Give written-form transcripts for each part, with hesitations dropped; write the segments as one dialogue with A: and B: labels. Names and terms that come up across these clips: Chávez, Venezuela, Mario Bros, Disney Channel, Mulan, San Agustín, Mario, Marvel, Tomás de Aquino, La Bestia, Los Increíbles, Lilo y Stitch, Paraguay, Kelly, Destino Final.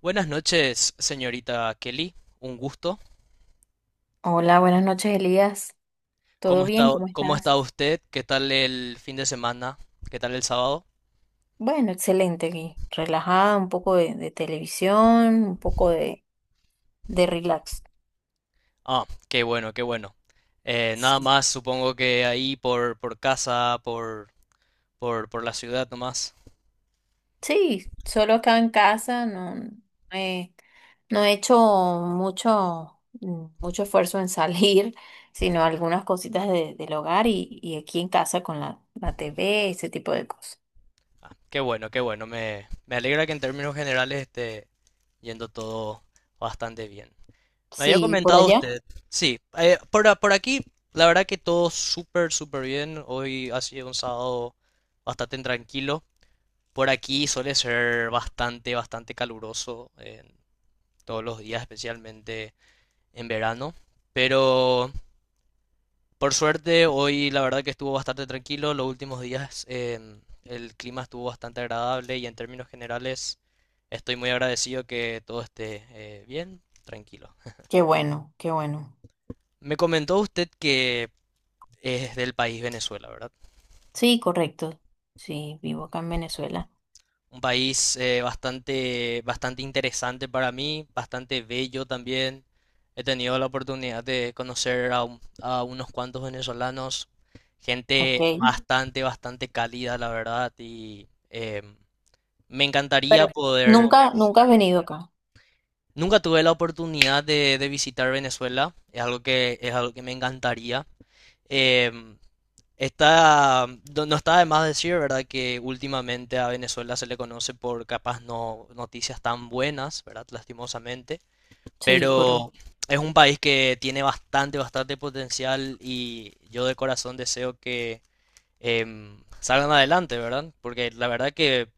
A: Buenas noches, señorita Kelly. Un gusto.
B: Hola, buenas noches, Elías. ¿Todo bien? ¿Cómo
A: Cómo está
B: estás?
A: usted? ¿Qué tal el fin de semana? ¿Qué tal el sábado?
B: Bueno, excelente aquí. Relajada, un poco de televisión, un poco de relax.
A: Ah, qué bueno, qué bueno. Nada
B: Sí.
A: más, supongo que ahí por casa, por la ciudad nomás.
B: Sí, solo acá en casa, no, he, no he hecho mucho, mucho esfuerzo en salir, sino algunas cositas del hogar y aquí en casa con la TV, ese tipo de cosas.
A: Qué bueno, qué bueno. Me alegra que en términos generales esté yendo todo bastante bien. Me había
B: Sí, por
A: comentado
B: allá.
A: usted. Sí, por aquí, la verdad que todo súper, súper bien. Hoy ha sido un sábado bastante tranquilo. Por aquí suele ser bastante, bastante caluroso todos los días, especialmente en verano. Pero por suerte hoy la verdad que estuvo bastante tranquilo. Los últimos días el clima estuvo bastante agradable y en términos generales estoy muy agradecido que todo esté bien, tranquilo.
B: Qué bueno, qué bueno.
A: Me comentó usted que es del país Venezuela, ¿verdad?
B: Sí, correcto. Sí, vivo acá en Venezuela.
A: Un país bastante, bastante interesante para mí, bastante bello también. He tenido la oportunidad de conocer a unos cuantos venezolanos,
B: Ok.
A: gente bastante, bastante cálida, la verdad, y me encantaría
B: Pero
A: poder...
B: nunca, nunca has venido acá.
A: Nunca tuve la oportunidad de visitar Venezuela, es algo que me encantaría. Em, Está, no no está de más decir, ¿verdad? Que últimamente a Venezuela se le conoce por capaz no noticias tan buenas, ¿verdad? Lastimosamente,
B: Sí,
A: pero
B: correcto.
A: es un país que tiene bastante, bastante potencial y yo de corazón deseo que salgan adelante, ¿verdad? Porque la verdad que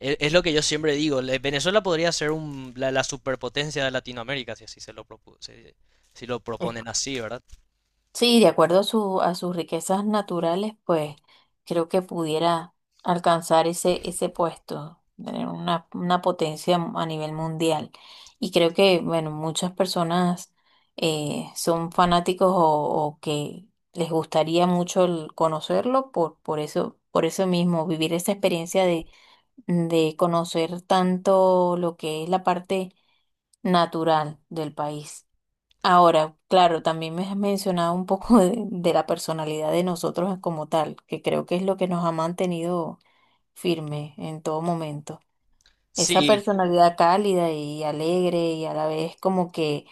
A: es, lo que yo siempre digo, Venezuela podría ser la, la superpotencia de Latinoamérica si así si si lo
B: Eh,
A: proponen así, ¿verdad?
B: Sí, de acuerdo a a sus riquezas naturales, pues creo que pudiera alcanzar ese puesto, tener una potencia a nivel mundial. Y creo que, bueno, muchas personas son fanáticos o que les gustaría mucho el conocerlo por eso, por eso mismo, vivir esa experiencia de conocer tanto lo que es la parte natural del país. Ahora, claro, también me has mencionado un poco de la personalidad de nosotros como tal, que creo que es lo que nos ha mantenido firme en todo momento. Esa
A: Sí,
B: personalidad cálida y alegre y a la vez como que,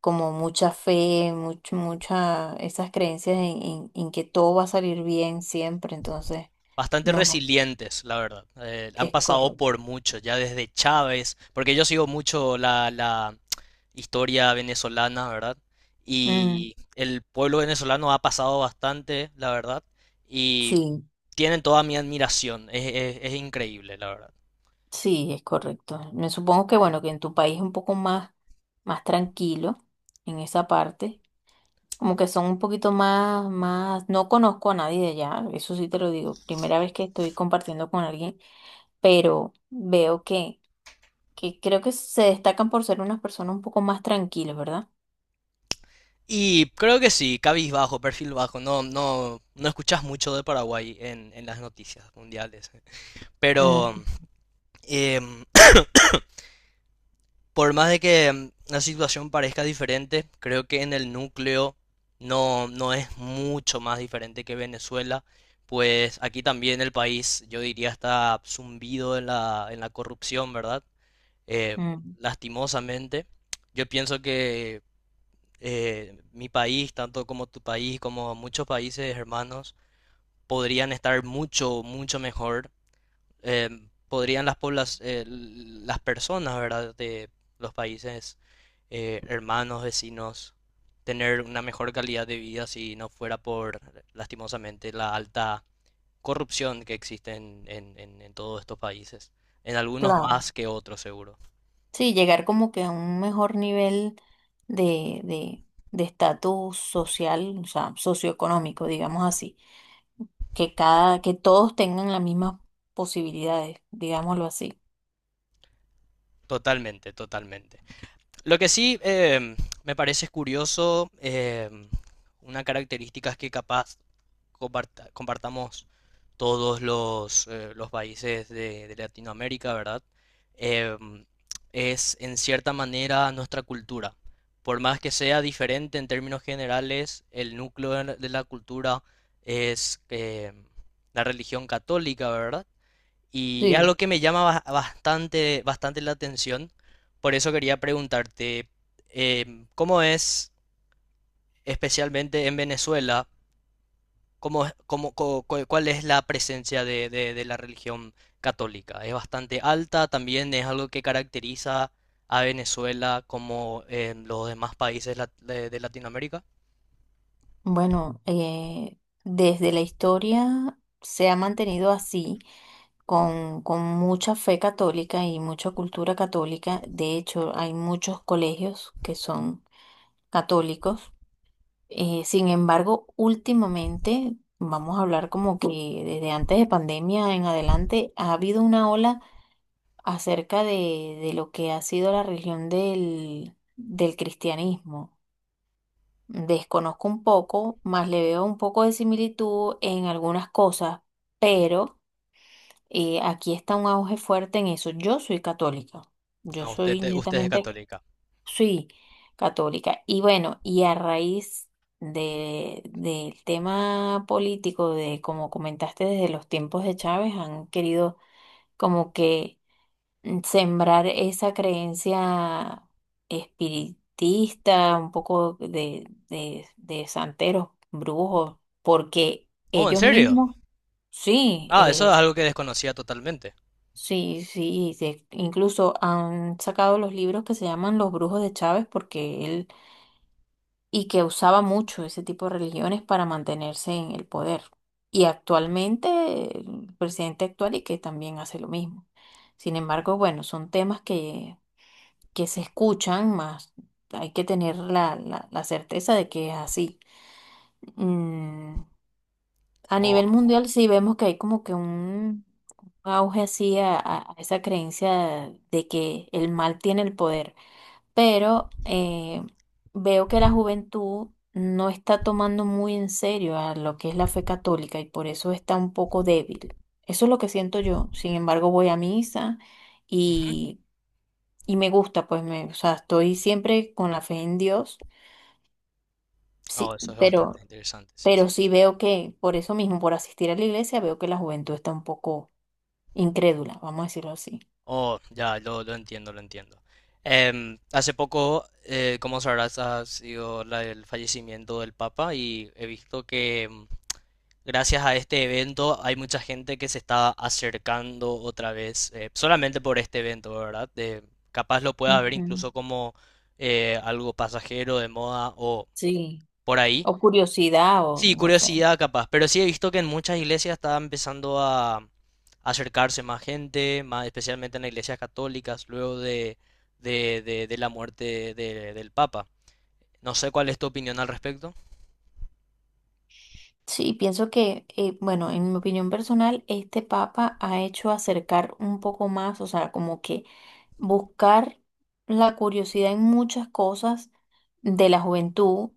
B: como mucha fe, mucha, esas creencias en que todo va a salir bien siempre, entonces,
A: bastante
B: no,
A: resilientes, la verdad. Han
B: es
A: pasado
B: correcto.
A: por mucho, ya desde Chávez, porque yo sigo mucho la, la historia venezolana, ¿verdad?
B: Mm,
A: Y el pueblo venezolano ha pasado bastante, la verdad, y
B: sí.
A: tienen toda mi admiración, es increíble, la verdad.
B: Sí, es correcto. Me supongo que bueno, que en tu país es un poco más tranquilo en esa parte. Como que son un poquito más, no conozco a nadie de allá, eso sí te lo digo. Primera vez que estoy compartiendo con alguien, pero veo que, creo que se destacan por ser unas personas un poco más tranquilas, ¿verdad?
A: Y creo que sí, cabizbajo, perfil bajo, no, no, no escuchas mucho de Paraguay en las noticias mundiales.
B: Mm,
A: Pero, em, por más de que la situación parezca diferente, creo que en el núcleo no, no es mucho más diferente que Venezuela, pues aquí también el país, yo diría, está zumbido en la corrupción, ¿verdad? Eh,
B: mm,
A: lastimosamente, yo pienso que mi país, tanto como tu país, como muchos países hermanos, podrían estar mucho, mucho mejor. Podrían las personas, ¿verdad? De los países hermanos, vecinos, tener una mejor calidad de vida si no fuera por, lastimosamente, la alta corrupción que existe en todos estos países. En algunos
B: claro.
A: más que otros, seguro.
B: Sí, llegar como que a un mejor nivel de, de, de estatus social, o sea, socioeconómico, digamos así. Que todos tengan las mismas posibilidades, digámoslo así.
A: Totalmente, totalmente. Lo que sí me parece curioso, una característica es que capaz compartamos todos los países de Latinoamérica, ¿verdad? Em, es en cierta manera nuestra cultura. Por más que sea diferente en términos generales, el núcleo de la cultura es la religión católica, ¿verdad? Y es
B: Sí.
A: algo que me llama bastante, bastante la atención. Por eso quería preguntarte, ¿cómo es, especialmente en Venezuela, cómo, es- cómo- co- cu- cuál es la presencia de, de la religión católica? ¿Es bastante alta? ¿También es algo que caracteriza a Venezuela como en los demás de Latinoamérica?
B: Bueno, desde la historia se ha mantenido así, con mucha fe católica y mucha cultura católica. De hecho, hay muchos colegios que son católicos. Sin embargo, últimamente, vamos a hablar como que desde antes de pandemia en adelante, ha habido una ola acerca de lo que ha sido la religión del cristianismo. Desconozco un poco, más le veo un poco de similitud en algunas cosas, pero aquí está un auge fuerte en eso. Yo soy católica, yo
A: Ah, usted,
B: soy
A: usted es
B: netamente,
A: católica.
B: sí, católica. Y bueno, y a raíz del tema político, de como comentaste, desde los tiempos de Chávez, han querido como que sembrar esa creencia espiritista, un poco de santeros, brujos, porque
A: Oh, ¿en
B: ellos
A: serio?
B: mismos, sí,
A: Ah, eso es algo que desconocía totalmente.
B: sí, sí, incluso han sacado los libros que se llaman Los Brujos de Chávez, porque él, y que usaba mucho ese tipo de religiones para mantenerse en el poder. Y actualmente, el presidente actual y que también hace lo mismo. Sin embargo, bueno, son temas que se escuchan, más hay que tener la certeza de que es así. Mm, a
A: Oh,
B: nivel mundial sí vemos que hay como que un auge así a esa creencia de que el mal tiene el poder, pero veo que la juventud no está tomando muy en serio a lo que es la fe católica y por eso está un poco débil. Eso es lo que siento yo. Sin embargo, voy a misa.
A: ujú.
B: Y y me gusta, pues me, o sea, estoy siempre con la fe en Dios,
A: Oh,
B: sí,
A: eso es bastante
B: pero,
A: interesante, sí, sí,
B: pero
A: sí.
B: sí veo que por eso mismo, por asistir a la iglesia, veo que la juventud está un poco incrédula, vamos a decirlo así.
A: Oh, ya, lo entiendo, lo entiendo. Hace poco, como sabrás, ha sido el fallecimiento del Papa y he visto que gracias a este evento hay mucha gente que se está acercando otra vez, solamente por este evento, ¿verdad? De, capaz lo pueda ver
B: Ujú.
A: incluso como algo pasajero de moda o
B: Sí.
A: por ahí.
B: O curiosidad, o
A: Sí,
B: no sé.
A: curiosidad capaz, pero sí he visto que en muchas iglesias está empezando a acercarse más gente, más especialmente en las iglesias católicas, luego de, de la muerte del Papa. No sé cuál es tu opinión al respecto.
B: Sí, pienso que, bueno, en mi opinión personal, este Papa ha hecho acercar un poco más, o sea, como que buscar la curiosidad en muchas cosas de la juventud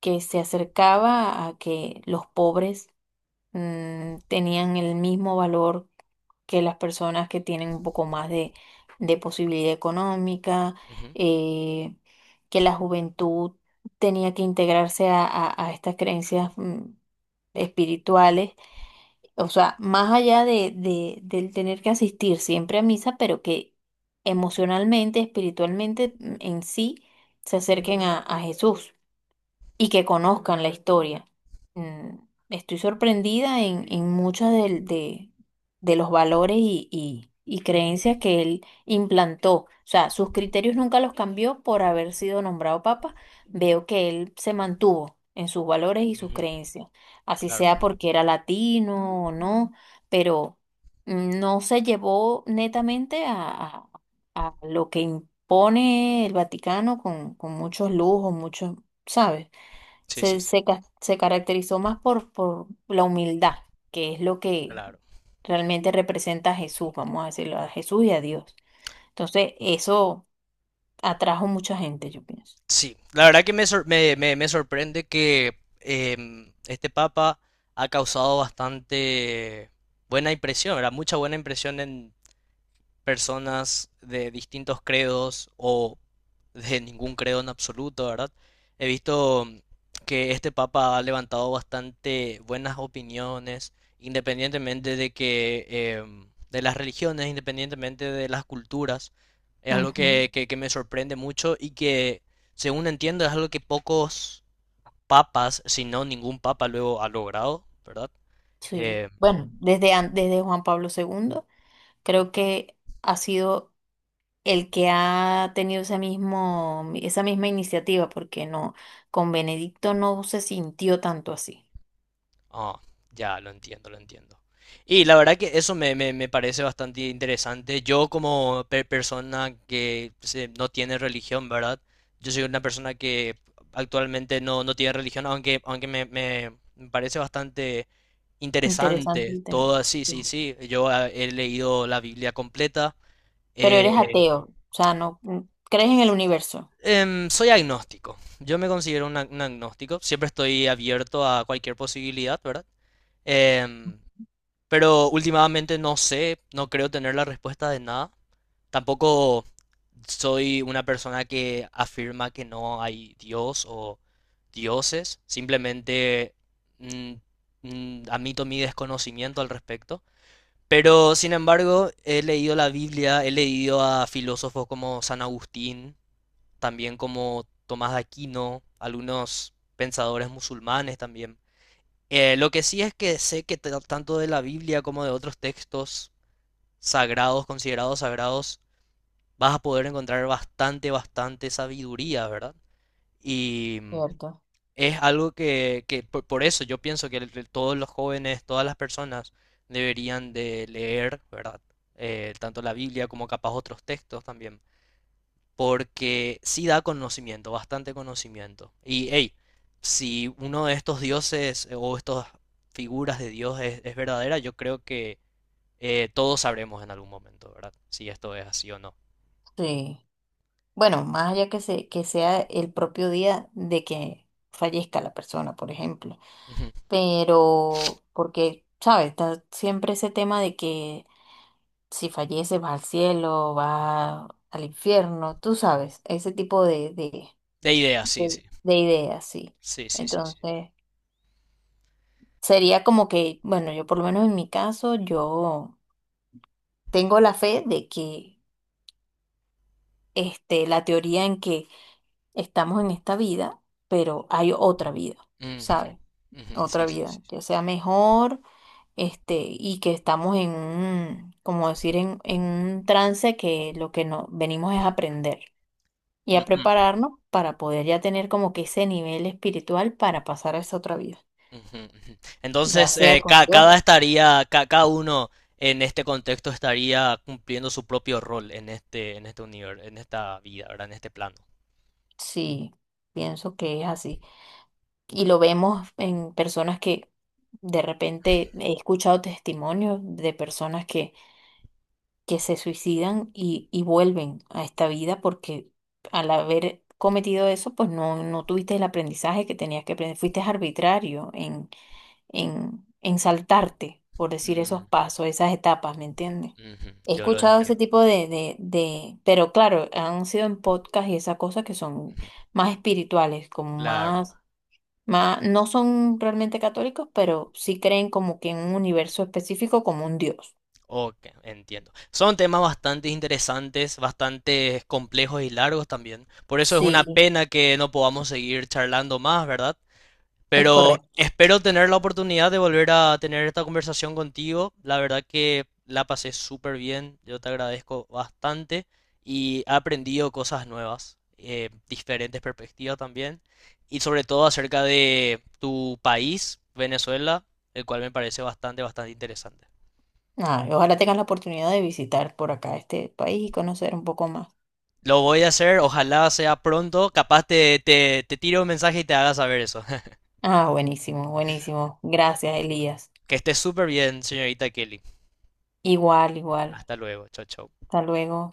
B: que se acercaba a que los pobres tenían el mismo valor que las personas que tienen un poco más de posibilidad económica,
A: Ujú,
B: eh, que la juventud tenía que integrarse a estas creencias espirituales, o sea, más allá del tener que asistir siempre a misa, pero que emocionalmente, espiritualmente en sí se acerquen a Jesús y que conozcan la historia. Mm, Estoy sorprendida en muchos de los valores y creencias que él implantó. O sea, sus criterios nunca los cambió por haber sido nombrado papa. Veo que él se mantuvo en sus valores y sus
A: ujú,
B: creencias, así
A: claro,
B: sea porque era latino o no, pero no se llevó netamente a lo que impone el Vaticano con, muchos lujos, muchos, ¿sabes?
A: sí, sí,
B: se,
A: sí,
B: se, ca- se caracterizó más por la humildad, que es lo que
A: claro.
B: realmente representa a Jesús, vamos a decirlo, a Jesús y a Dios. Entonces, eso atrajo mucha gente, yo pienso.
A: Sí, la verdad que me sorprende que este Papa ha causado bastante buena impresión, ¿verdad? Mucha buena impresión personas de distintos credos o de ningún credo en absoluto, ¿verdad? He visto que este papa ha levantado bastante buenas opiniones, independientemente de que de las religiones, independientemente de las culturas. Es algo
B: Ujú,
A: que, que me sorprende mucho y que, según entiendo, es algo que pocos papas, si no ningún papa, luego ha logrado, ¿verdad?
B: sí.
A: Eh,
B: Bueno, desde Juan Pablo segundo creo que ha sido el que ha tenido esa misma iniciativa, porque no, con Benedicto no se sintió tanto así.
A: Ah, ya, lo entiendo, lo entiendo. Y la verdad que eso me parece bastante interesante. Yo como persona no tiene religión, ¿verdad? Yo soy una persona que actualmente no, no tiene religión, aunque, me parece bastante
B: Interesante
A: interesante
B: el tema.
A: todo así, sí, sí, sí. Yo he leído la Biblia completa.
B: Pero
A: eh,
B: eres ateo, o sea, no crees en el universo.
A: Soy agnóstico. Yo me considero un agnóstico. Siempre estoy abierto a cualquier posibilidad, ¿verdad? Em, Pero últimamente no sé, no creo tener la respuesta de nada. Tampoco soy una persona que afirma que no hay Dios o dioses. Simplemente mm, admito mi desconocimiento al respecto. Pero sin embargo, he leído la Biblia, he leído a filósofos como San Agustín, también como Tomás de Aquino, algunos pensadores musulmanes también. Lo que sí es que sé que tanto de la Biblia como de otros textos sagrados, considerados sagrados, vas a poder encontrar bastante, bastante sabiduría, ¿verdad? Y
B: ¿Cierto?
A: es algo que por eso yo pienso que todos los jóvenes, todas las personas deberían de leer, ¿verdad? Tanto la Biblia como capaz otros textos también porque sí da conocimiento, bastante conocimiento. Y hey, si uno de estos dioses o estas figuras de Dios es verdadera, yo creo que todos sabremos en algún momento, ¿verdad? Si esto es así o no.
B: Sí. Bueno, más allá que, se, que sea el propio día de que fallezca la persona, por ejemplo.
A: Ujú.
B: Pero, porque, ¿sabes? Está siempre ese tema de que si fallece va al cielo, va al infierno, tú sabes, ese tipo de,
A: De ideas sí, sí.
B: de ideas, sí.
A: Sí, sí, sí, sí.
B: Entonces, sería como que, bueno, yo por lo menos en mi caso, yo tengo la fe de que este, la teoría en que estamos en esta vida, pero hay otra vida,
A: Ujú,
B: ¿sabes?
A: ujú,
B: Otra
A: sí, sí,
B: vida,
A: sí.
B: ya sea mejor, este, y que estamos en un, como decir, en un trance que lo que nos venimos es a aprender y a
A: Ujú,
B: prepararnos para poder ya tener como que ese nivel espiritual para pasar a esa otra vida,
A: ujú, ujú.
B: ya
A: Entonces,
B: sea con Dios.
A: cada uno en este contexto estaría cumpliendo su propio rol en este universo, en esta vida, ¿verdad? En este plano.
B: Sí, pienso que es así. Y lo vemos en personas que de repente he escuchado testimonios de personas que se suicidan y vuelven a esta vida porque al haber cometido eso, pues no, no tuviste el aprendizaje que tenías que aprender, fuiste arbitrario en saltarte, por decir esos pasos, esas etapas, ¿me entiendes?
A: Ujú,
B: He
A: yo lo
B: escuchado ese
A: entiendo.
B: tipo pero claro, han sido en podcast y esas cosas que son
A: Ujú,
B: más espirituales,
A: claro,
B: no son realmente católicos, pero sí creen como que en un universo específico como un Dios.
A: ok, entiendo. Son temas bastante interesantes, bastante complejos y largos también. Por eso es una Sí,
B: Sí,
A: pena que no podamos seguir charlando más, ¿verdad?
B: es
A: Pero
B: correcto.
A: espero tener la oportunidad de volver a tener esta conversación contigo. La verdad que la pasé súper bien. Yo te agradezco bastante y he aprendido cosas nuevas, diferentes perspectivas también. Y sobre todo acerca de tu país, Venezuela, el cual me parece bastante, bastante interesante.
B: Ah, y ojalá tengas la oportunidad de visitar por acá este país y conocer un poco más.
A: Lo voy a hacer, ojalá sea pronto. Capaz te tiro un mensaje y te haga saber eso.
B: Ah, buenísimo, buenísimo. Gracias, Elías.
A: Que estés súper bien, señorita Kelly.
B: Igual, igual.
A: Hasta luego. Chao, chao.
B: Hasta luego.